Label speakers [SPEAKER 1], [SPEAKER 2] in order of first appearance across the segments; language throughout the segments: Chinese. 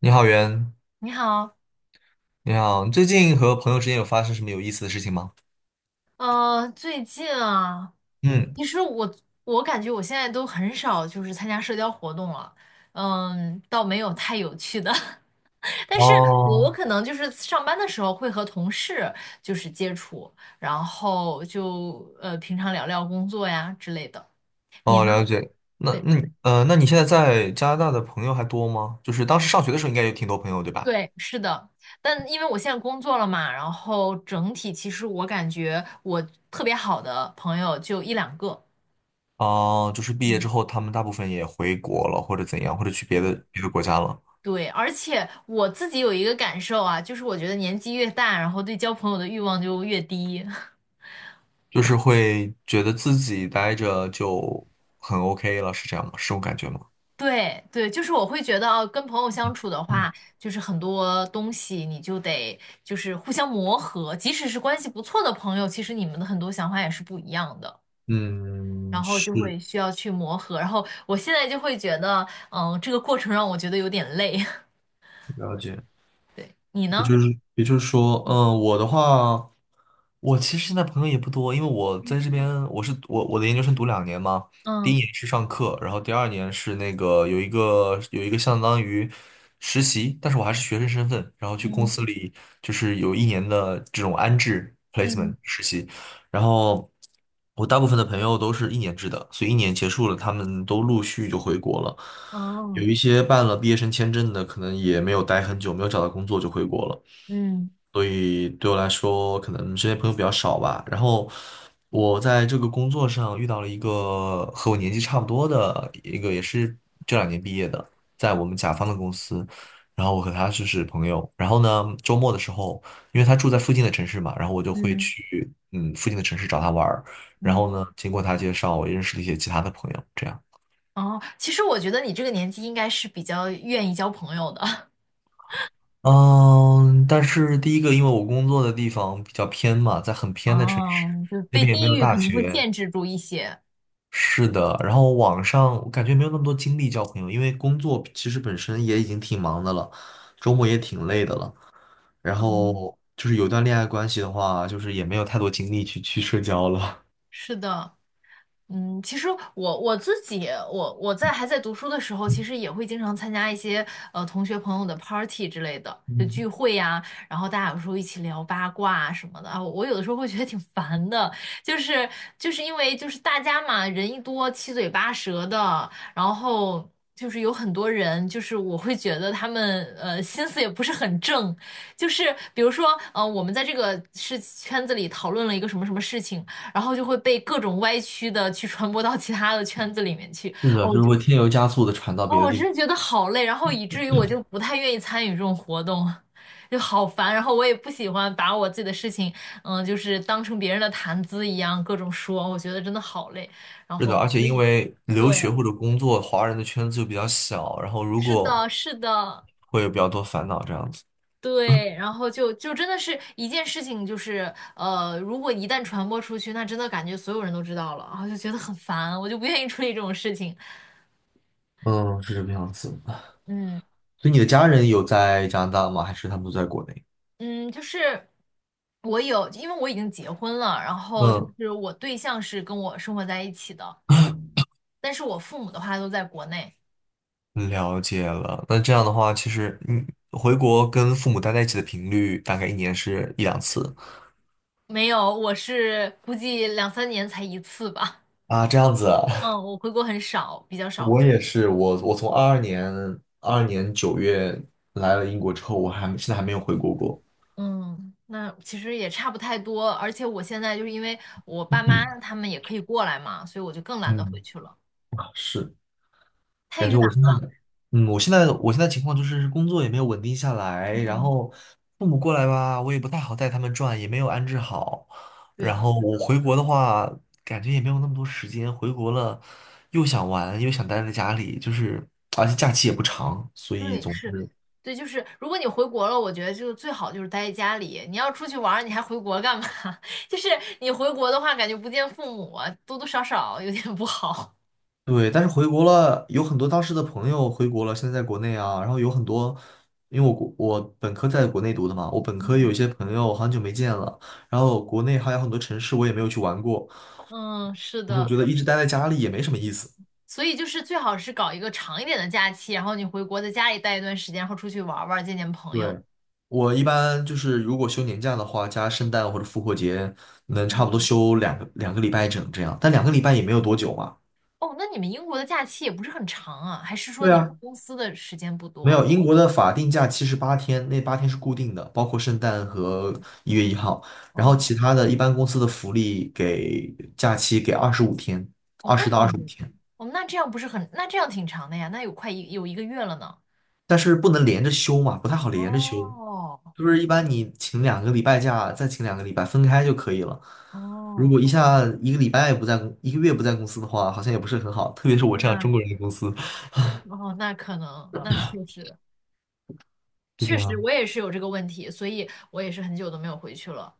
[SPEAKER 1] 你好，袁。
[SPEAKER 2] 你好，
[SPEAKER 1] 你好，你最近和朋友之间有发生什么有意思的事情吗？
[SPEAKER 2] 最近啊，
[SPEAKER 1] 嗯。
[SPEAKER 2] 其实我感觉我现在都很少就是参加社交活动了，嗯，倒没有太有趣的，但是我
[SPEAKER 1] 哦。
[SPEAKER 2] 可能就是上班的时候会和同事就是接触，然后就平常聊聊工作呀之类的。你
[SPEAKER 1] 哦，
[SPEAKER 2] 呢？
[SPEAKER 1] 了解。那，
[SPEAKER 2] 对
[SPEAKER 1] 那你呃，那你现在在加拿大的朋友还多吗？就是当时上学的时候，应该有挺多朋友，对吧？
[SPEAKER 2] 对，是的，但因为我现在工作了嘛，然后整体其实我感觉我特别好的朋友就一两个。
[SPEAKER 1] 哦，就是毕业之
[SPEAKER 2] 嗯，
[SPEAKER 1] 后，他们大部分也回国了，或者怎样，或者去别的
[SPEAKER 2] 对。
[SPEAKER 1] 别的国家了。
[SPEAKER 2] 对，而且我自己有一个感受啊，就是我觉得年纪越大，然后对交朋友的欲望就越低。
[SPEAKER 1] 就是会觉得自己待着就很 OK 了，是这样吗？是这种感觉吗？
[SPEAKER 2] 对对，就是我会觉得哦跟朋友相处的
[SPEAKER 1] 嗯。
[SPEAKER 2] 话，就是很多东西你就得就是互相磨合，即使是关系不错的朋友，其实你们的很多想法也是不一样的，然
[SPEAKER 1] 嗯，
[SPEAKER 2] 后
[SPEAKER 1] 是。
[SPEAKER 2] 就会需要去磨合。然后我现在就会觉得，嗯，这个过程让我觉得有点累。
[SPEAKER 1] 了解。
[SPEAKER 2] 对，你
[SPEAKER 1] 也
[SPEAKER 2] 呢？
[SPEAKER 1] 就是也就是说，嗯，我的话，我其实现在朋友也不多，因为我在这边，我是我我的研究生读两年嘛。第一
[SPEAKER 2] 嗯
[SPEAKER 1] 年是上课，然后第二年是那个有一个相当于实习，但是我还是学生身份，然后去公
[SPEAKER 2] 嗯
[SPEAKER 1] 司里就是有一年的这种安置
[SPEAKER 2] 嗯，
[SPEAKER 1] placement 实习。然后我大部分的朋友都是一年制的，所以一年结束了，他们都陆续就回国了。有
[SPEAKER 2] 哦，
[SPEAKER 1] 一些办了毕业生签证的，可能也没有待很久，没有找到工作就回国了。
[SPEAKER 2] 嗯
[SPEAKER 1] 所以对我来说，可能身边朋友比较少吧。然后我在这个工作上遇到了一个和我年纪差不多的一个，也是这2年毕业的，在我们甲方的公司。然后我和他就是朋友。然后呢，周末的时候，因为他住在附近的城市嘛，然后我就会
[SPEAKER 2] 嗯
[SPEAKER 1] 去附近的城市找他玩儿。然
[SPEAKER 2] 嗯。
[SPEAKER 1] 后呢，经过他介绍，我也认识了一些其他的朋友，这样。
[SPEAKER 2] 哦，其实我觉得你这个年纪应该是比较愿意交朋友的。
[SPEAKER 1] 嗯，但是第一个，因为我工作的地方比较偏嘛，在很偏的城市，
[SPEAKER 2] 哦，就
[SPEAKER 1] 那
[SPEAKER 2] 被
[SPEAKER 1] 边也没
[SPEAKER 2] 地
[SPEAKER 1] 有
[SPEAKER 2] 域可
[SPEAKER 1] 大
[SPEAKER 2] 能会
[SPEAKER 1] 学。
[SPEAKER 2] 限制住一些。
[SPEAKER 1] 是的。然后网上我感觉没有那么多精力交朋友，因为工作其实本身也已经挺忙的了，周末也挺累的了。然后就是有段恋爱关系的话，就是也没有太多精力去社交了。
[SPEAKER 2] 是的。嗯，其实我自己，我在还在读书的时候，其实也会经常参加一些同学朋友的 party 之类的，就
[SPEAKER 1] 嗯，
[SPEAKER 2] 聚会呀、然后大家有时候一起聊八卦啊什么的啊，我有的时候会觉得挺烦的，就是就是因为就是大家嘛，人一多七嘴八舌的，然后就是有很多人，就是我会觉得他们心思也不是很正，就是比如说，我们在这个事圈子里讨论了一个什么什么事情，然后就会被各种歪曲的去传播到其他的圈子里面去。
[SPEAKER 1] 是的，
[SPEAKER 2] 哦，
[SPEAKER 1] 就
[SPEAKER 2] 我
[SPEAKER 1] 是
[SPEAKER 2] 就
[SPEAKER 1] 会添油加醋的传到
[SPEAKER 2] 哦，
[SPEAKER 1] 别的
[SPEAKER 2] 我
[SPEAKER 1] 地
[SPEAKER 2] 真
[SPEAKER 1] 方。
[SPEAKER 2] 的觉得好累，然后以至于我就不太愿意参与这种活动，就好烦。然后我也不喜欢把我自己的事情，嗯，就是当成别人的谈资一样各种说，我觉得真的好累。然
[SPEAKER 1] 是的，
[SPEAKER 2] 后
[SPEAKER 1] 而且
[SPEAKER 2] 所
[SPEAKER 1] 因
[SPEAKER 2] 以
[SPEAKER 1] 为留
[SPEAKER 2] 对，
[SPEAKER 1] 学或者工作，华人的圈子就比较小，然后如
[SPEAKER 2] 是
[SPEAKER 1] 果
[SPEAKER 2] 的，是的。
[SPEAKER 1] 会有比较多烦恼这样子。
[SPEAKER 2] 对，然后就真的是一件事情，就是如果一旦传播出去，那真的感觉所有人都知道了，然后就觉得很烦，我就不愿意处理这种事情。
[SPEAKER 1] 嗯，是这个样子。
[SPEAKER 2] 嗯，
[SPEAKER 1] 所以你的家人有在加拿大吗？还是他们都在国内？
[SPEAKER 2] 嗯，就是我有，因为我已经结婚了，然后就
[SPEAKER 1] 嗯，
[SPEAKER 2] 是我对象是跟我生活在一起的，但是我父母的话都在国内，
[SPEAKER 1] 了解了。那这样的话，其实你回国跟父母待在一起的频率大概一年是一两次？
[SPEAKER 2] 没有，我是估计两三年才一次吧。
[SPEAKER 1] 啊，这样子啊。
[SPEAKER 2] 嗯，我回国很少，比较少
[SPEAKER 1] 我
[SPEAKER 2] 回
[SPEAKER 1] 也
[SPEAKER 2] 去。
[SPEAKER 1] 是，我从22年9月来了英国之后，我现在还没有回国过。
[SPEAKER 2] 嗯，那其实也差不太多，而且我现在就是因为我爸妈他们也可以过来嘛，所以我就更懒得回去了，
[SPEAKER 1] 嗯，是。
[SPEAKER 2] 太
[SPEAKER 1] 感觉
[SPEAKER 2] 远
[SPEAKER 1] 我现在。
[SPEAKER 2] 了。
[SPEAKER 1] 嗯，我现在情况就是工作也没有稳定下来，然
[SPEAKER 2] 嗯，
[SPEAKER 1] 后父母过来吧，我也不太好带他们转，也没有安置好。然
[SPEAKER 2] 对，
[SPEAKER 1] 后
[SPEAKER 2] 是
[SPEAKER 1] 我
[SPEAKER 2] 的。
[SPEAKER 1] 回国的话，感觉也没有那么多时间，回国了又想玩，又想待在家里，就是而且假期也不长，所以
[SPEAKER 2] 对，
[SPEAKER 1] 总
[SPEAKER 2] 是，
[SPEAKER 1] 之。
[SPEAKER 2] 对，就是如果你回国了，我觉得就最好就是待在家里。你要出去玩儿，你还回国干嘛？就是你回国的话，感觉不见父母啊，多多少少有点不好。
[SPEAKER 1] 对，但是回国了，有很多当时的朋友回国了，现在在国内啊，然后有很多，因为我国我本科在国内读的嘛，我本科有
[SPEAKER 2] 嗯，
[SPEAKER 1] 一些朋友很久没见了，然后国内还有很多城市我也没有去玩过，
[SPEAKER 2] 嗯，是
[SPEAKER 1] 我总
[SPEAKER 2] 的，
[SPEAKER 1] 觉得一直待在家里也没什么意思。
[SPEAKER 2] 所以就是最好是搞一个长一点的假期，然后你回国在家里待一段时间，然后出去玩儿玩儿见见朋友。
[SPEAKER 1] 对，我一般就是如果休年假的话，加圣诞或者复活节，能差不多
[SPEAKER 2] 嗯
[SPEAKER 1] 休两个礼拜整这样，但两个礼拜也没有多久嘛。
[SPEAKER 2] 哦，那你们英国的假期也不是很长啊，还是说
[SPEAKER 1] 对
[SPEAKER 2] 你们
[SPEAKER 1] 啊，
[SPEAKER 2] 公司的时间不
[SPEAKER 1] 没有，
[SPEAKER 2] 多？
[SPEAKER 1] 英国的法定假期是八天，那八天是固定的，包括圣诞和1月1号。然后
[SPEAKER 2] 哦，
[SPEAKER 1] 其他的一般公司的福利给假期给二十五天，
[SPEAKER 2] 哦，
[SPEAKER 1] 二
[SPEAKER 2] 那
[SPEAKER 1] 十到二
[SPEAKER 2] 挺
[SPEAKER 1] 十五
[SPEAKER 2] 多。
[SPEAKER 1] 天。
[SPEAKER 2] 哦，那这样不是很，那这样挺长的呀，那有快一有一个月了呢。
[SPEAKER 1] 但是不能连着休嘛，不太好连着休，
[SPEAKER 2] 哦
[SPEAKER 1] 就是一般你请两个礼拜假，再请两个礼拜分开就可以了。如
[SPEAKER 2] 哦，
[SPEAKER 1] 果一下一个月不在公司的话，好像也不是很好，特别是我这样
[SPEAKER 2] 那
[SPEAKER 1] 中国人的公司
[SPEAKER 2] 哦那可能那确实
[SPEAKER 1] 是
[SPEAKER 2] 确
[SPEAKER 1] 这
[SPEAKER 2] 实
[SPEAKER 1] 样。
[SPEAKER 2] 我也是有这个问题，所以我也是很久都没有回去了。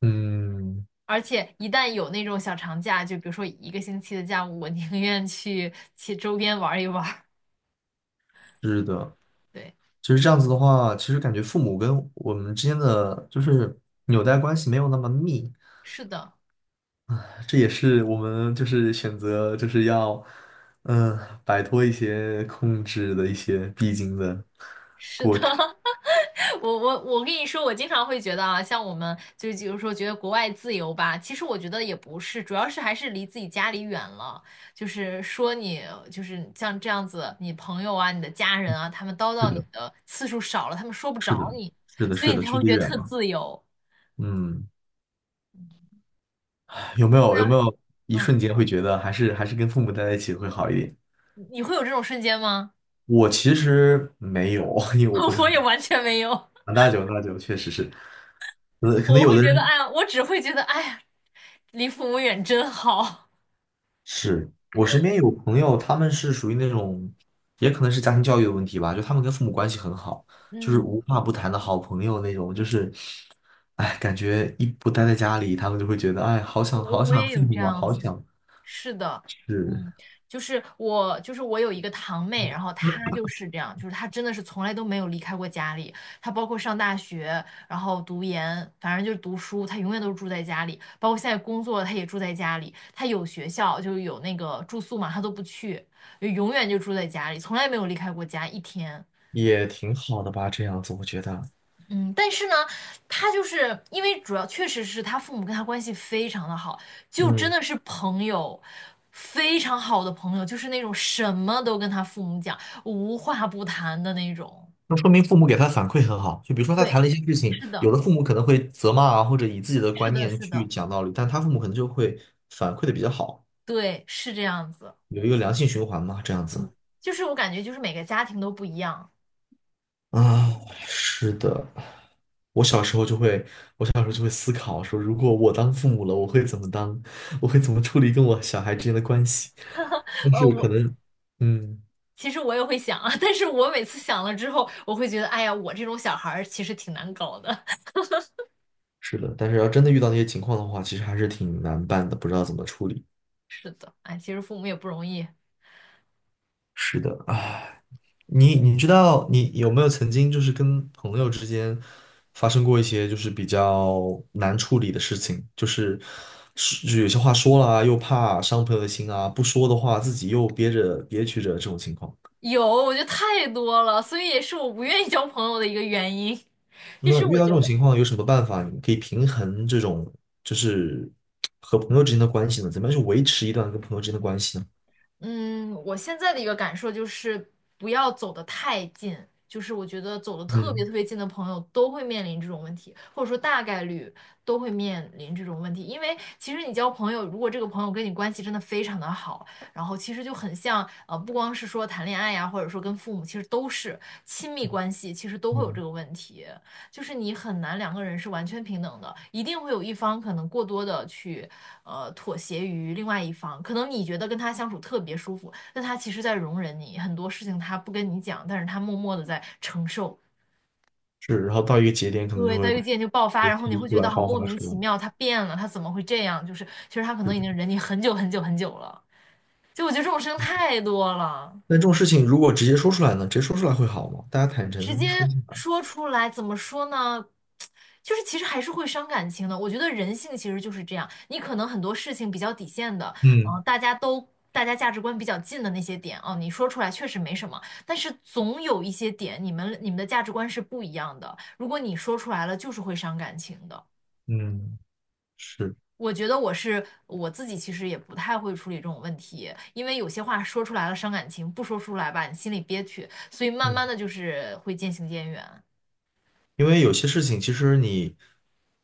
[SPEAKER 1] 嗯，
[SPEAKER 2] 而且一旦有那种小长假，就比如说一个星期的假，我宁愿去周边玩一玩
[SPEAKER 1] 是的。
[SPEAKER 2] 对，
[SPEAKER 1] 其实这样子的话，其实感觉父母跟我们之间的就是纽带关系没有那么密，
[SPEAKER 2] 是的。
[SPEAKER 1] 这也是我们就是选择就是要嗯摆脱一些控制的一些必经的。
[SPEAKER 2] 是的，我跟你说，我经常会觉得啊，像我们就是比如说觉得国外自由吧，其实我觉得也不是，主要是还是离自己家里远了。就是说你就是像这样子，你朋友啊、你的家人啊，他们叨
[SPEAKER 1] 是
[SPEAKER 2] 叨你
[SPEAKER 1] 的。
[SPEAKER 2] 的次数少了，他们说不
[SPEAKER 1] 是的，
[SPEAKER 2] 着你，
[SPEAKER 1] 是的，
[SPEAKER 2] 所以
[SPEAKER 1] 是
[SPEAKER 2] 你
[SPEAKER 1] 的，
[SPEAKER 2] 才
[SPEAKER 1] 距
[SPEAKER 2] 会
[SPEAKER 1] 离
[SPEAKER 2] 觉得
[SPEAKER 1] 远
[SPEAKER 2] 特
[SPEAKER 1] 了。
[SPEAKER 2] 自由。
[SPEAKER 1] 嗯，有没
[SPEAKER 2] 如果
[SPEAKER 1] 有有
[SPEAKER 2] 要
[SPEAKER 1] 没
[SPEAKER 2] 是
[SPEAKER 1] 有一
[SPEAKER 2] 嗯，
[SPEAKER 1] 瞬间会觉得还是跟父母待在一起会好一点？
[SPEAKER 2] 你会有这种瞬间吗？
[SPEAKER 1] 我其实没有，因为我不 是
[SPEAKER 2] 我
[SPEAKER 1] 很
[SPEAKER 2] 也完全没有，
[SPEAKER 1] 很大久，长大久确实是。呃，可能
[SPEAKER 2] 我
[SPEAKER 1] 有
[SPEAKER 2] 会
[SPEAKER 1] 的
[SPEAKER 2] 觉得
[SPEAKER 1] 人
[SPEAKER 2] 哎呀，我只会觉得哎呀，离父母远真好。
[SPEAKER 1] 是我身边有朋友，他们是属于那种，也可能是家庭教育的问题吧，就他们跟父母关系很好，就是
[SPEAKER 2] 嗯，
[SPEAKER 1] 无话不谈的好朋友那种，就是，哎，感觉一不待在家里，他们就会觉得，哎，好想
[SPEAKER 2] 我
[SPEAKER 1] 好
[SPEAKER 2] 我
[SPEAKER 1] 想
[SPEAKER 2] 也
[SPEAKER 1] 父
[SPEAKER 2] 有这
[SPEAKER 1] 母啊，
[SPEAKER 2] 样
[SPEAKER 1] 好
[SPEAKER 2] 子。
[SPEAKER 1] 想。
[SPEAKER 2] 是的，
[SPEAKER 1] 是，
[SPEAKER 2] 嗯，就是我，就是我有一个堂妹，然后她就是这样，就是她真的是从来都没有离开过家里，她包括上大学，然后读研，反正就是读书，她永远都是住在家里，包括现在工作，她也住在家里，她有学校就有那个住宿嘛，她都不去，就永远就住在家里，从来没有离开过家一天。
[SPEAKER 1] 也挺好的吧，这样子我觉得。
[SPEAKER 2] 嗯，但是呢，他就是因为主要确实是他父母跟他关系非常的好，就真
[SPEAKER 1] 嗯，
[SPEAKER 2] 的是朋友，非常好的朋友，就是那种什么都跟他父母讲，无话不谈的那种。
[SPEAKER 1] 那说明父母给他反馈很好。就比如说他谈
[SPEAKER 2] 对，
[SPEAKER 1] 了一些事情，
[SPEAKER 2] 是
[SPEAKER 1] 有
[SPEAKER 2] 的，
[SPEAKER 1] 的父母可能会责骂啊，或者以自己的
[SPEAKER 2] 是
[SPEAKER 1] 观
[SPEAKER 2] 的，
[SPEAKER 1] 念
[SPEAKER 2] 是
[SPEAKER 1] 去
[SPEAKER 2] 的，
[SPEAKER 1] 讲道理，但他父母可能就会反馈的比较好，
[SPEAKER 2] 对，是这样子。
[SPEAKER 1] 有一个良性循环嘛，这样子。
[SPEAKER 2] 就是我感觉就是每个家庭都不一样。
[SPEAKER 1] 啊，是的。我小时候就会，我小时候就会思考说，如果我当父母了，我会怎么当，我会怎么处理跟我小孩之间的关系。但
[SPEAKER 2] 呃，
[SPEAKER 1] 是
[SPEAKER 2] 我
[SPEAKER 1] 可能，嗯，
[SPEAKER 2] 其实我也会想啊，但是我每次想了之后，我会觉得，哎呀，我这种小孩儿其实挺难搞的。
[SPEAKER 1] 是的，但是要真的遇到那些情况的话，其实还是挺难办的，不知道怎么处理。
[SPEAKER 2] 是的，哎，其实父母也不容易。
[SPEAKER 1] 是的。你知道你有没有曾经就是跟朋友之间发生过一些就是比较难处理的事情，就是是就有些话说了啊，又怕伤朋友的心啊，不说的话自己又憋着憋屈着这种情况。
[SPEAKER 2] 有，我觉得太多了，所以也是我不愿意交朋友的一个原因。就
[SPEAKER 1] 那
[SPEAKER 2] 是
[SPEAKER 1] 遇
[SPEAKER 2] 我
[SPEAKER 1] 到这
[SPEAKER 2] 觉
[SPEAKER 1] 种
[SPEAKER 2] 得，
[SPEAKER 1] 情况有什么办法？你可以平衡这种就是和朋友之间的关系呢？怎么样去维持一段跟朋友之间的关系呢？
[SPEAKER 2] 嗯，我现在的一个感受就是不要走得太近，就是我觉得走得特别
[SPEAKER 1] 嗯
[SPEAKER 2] 特别近的朋友都会面临这种问题，或者说大概率都会面临这种问题。因为其实你交朋友，如果这个朋友跟你关系真的非常的好，然后其实就很像，不光是说谈恋爱呀，或者说跟父母，其实都是亲密关系，其实都会有这
[SPEAKER 1] 嗯，
[SPEAKER 2] 个问题。就是你很难两个人是完全平等的，一定会有一方可能过多的去妥协于另外一方。可能你觉得跟他相处特别舒服，但他其实在容忍你很多事情，他不跟你讲，但是他默默的在承受。
[SPEAKER 1] 是，然后到一个节点可能
[SPEAKER 2] 对，
[SPEAKER 1] 就
[SPEAKER 2] 到
[SPEAKER 1] 会
[SPEAKER 2] 一个节点就爆发，
[SPEAKER 1] 被
[SPEAKER 2] 然后你会
[SPEAKER 1] 逼出
[SPEAKER 2] 觉得
[SPEAKER 1] 来
[SPEAKER 2] 好
[SPEAKER 1] 爆
[SPEAKER 2] 莫
[SPEAKER 1] 发
[SPEAKER 2] 名
[SPEAKER 1] 出
[SPEAKER 2] 其
[SPEAKER 1] 来。
[SPEAKER 2] 妙，他变了，他怎么会这样？就是其实他可能已经忍你很久很久很久了。就我觉得这种事情太多了。
[SPEAKER 1] 那这种事情如果直接说出来呢？直接说出来会好吗？大家坦
[SPEAKER 2] 直接
[SPEAKER 1] 诚说出来。
[SPEAKER 2] 说出来，怎么说呢？就是其实还是会伤感情的。我觉得人性其实就是这样，你可能很多事情比较底线的，
[SPEAKER 1] 嗯
[SPEAKER 2] 嗯、大家都大家价值观比较近的那些点哦，你说出来确实没什么，但是总有一些点，你们的价值观是不一样的。如果你说出来了，就是会伤感情的。
[SPEAKER 1] 嗯，是，
[SPEAKER 2] 我觉得我是我自己，其实也不太会处理这种问题，因为有些话说出来了伤感情，不说出来吧，你心里憋屈，所以慢
[SPEAKER 1] 嗯，
[SPEAKER 2] 慢的就是会渐行渐远。
[SPEAKER 1] 因为有些事情其实你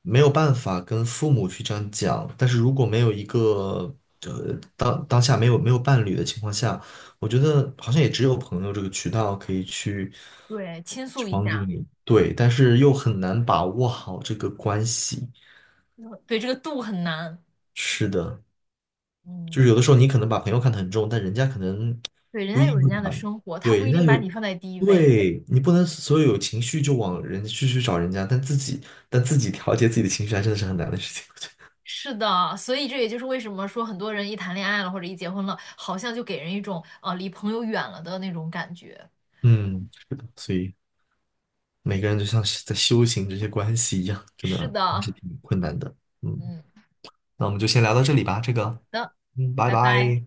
[SPEAKER 1] 没有办法跟父母去这样讲，但是如果没有一个呃当下没有伴侣的情况下，我觉得好像也只有朋友这个渠道可以去
[SPEAKER 2] 对，倾
[SPEAKER 1] 去
[SPEAKER 2] 诉一
[SPEAKER 1] 帮助
[SPEAKER 2] 下，
[SPEAKER 1] 你，对，但是又很难把握好这个关系。
[SPEAKER 2] 对，这个度很难。
[SPEAKER 1] 是的，就
[SPEAKER 2] 嗯，
[SPEAKER 1] 是有的时候你可能把朋友看得很重，但人家可能
[SPEAKER 2] 对，人
[SPEAKER 1] 不
[SPEAKER 2] 家
[SPEAKER 1] 一
[SPEAKER 2] 有
[SPEAKER 1] 定
[SPEAKER 2] 人
[SPEAKER 1] 会
[SPEAKER 2] 家的
[SPEAKER 1] 把，
[SPEAKER 2] 生活，他
[SPEAKER 1] 对，
[SPEAKER 2] 不一
[SPEAKER 1] 人家
[SPEAKER 2] 定
[SPEAKER 1] 有，
[SPEAKER 2] 把你放在第一位。
[SPEAKER 1] 对，你不能所有有情绪就往人去找人家，但自己调节自己的情绪还真的是很难的事情，我觉得。
[SPEAKER 2] 是的，所以这也就是为什么说很多人一谈恋爱了或者一结婚了，好像就给人一种离朋友远了的那种感觉。
[SPEAKER 1] 嗯，是的，所以每个人就像是在修行这些关系一样，真的
[SPEAKER 2] 是
[SPEAKER 1] 还
[SPEAKER 2] 的，
[SPEAKER 1] 是挺困难的。嗯，
[SPEAKER 2] 嗯，好
[SPEAKER 1] 那我们就先聊到这里吧，这个，
[SPEAKER 2] 的，
[SPEAKER 1] 嗯，拜
[SPEAKER 2] 拜拜。
[SPEAKER 1] 拜。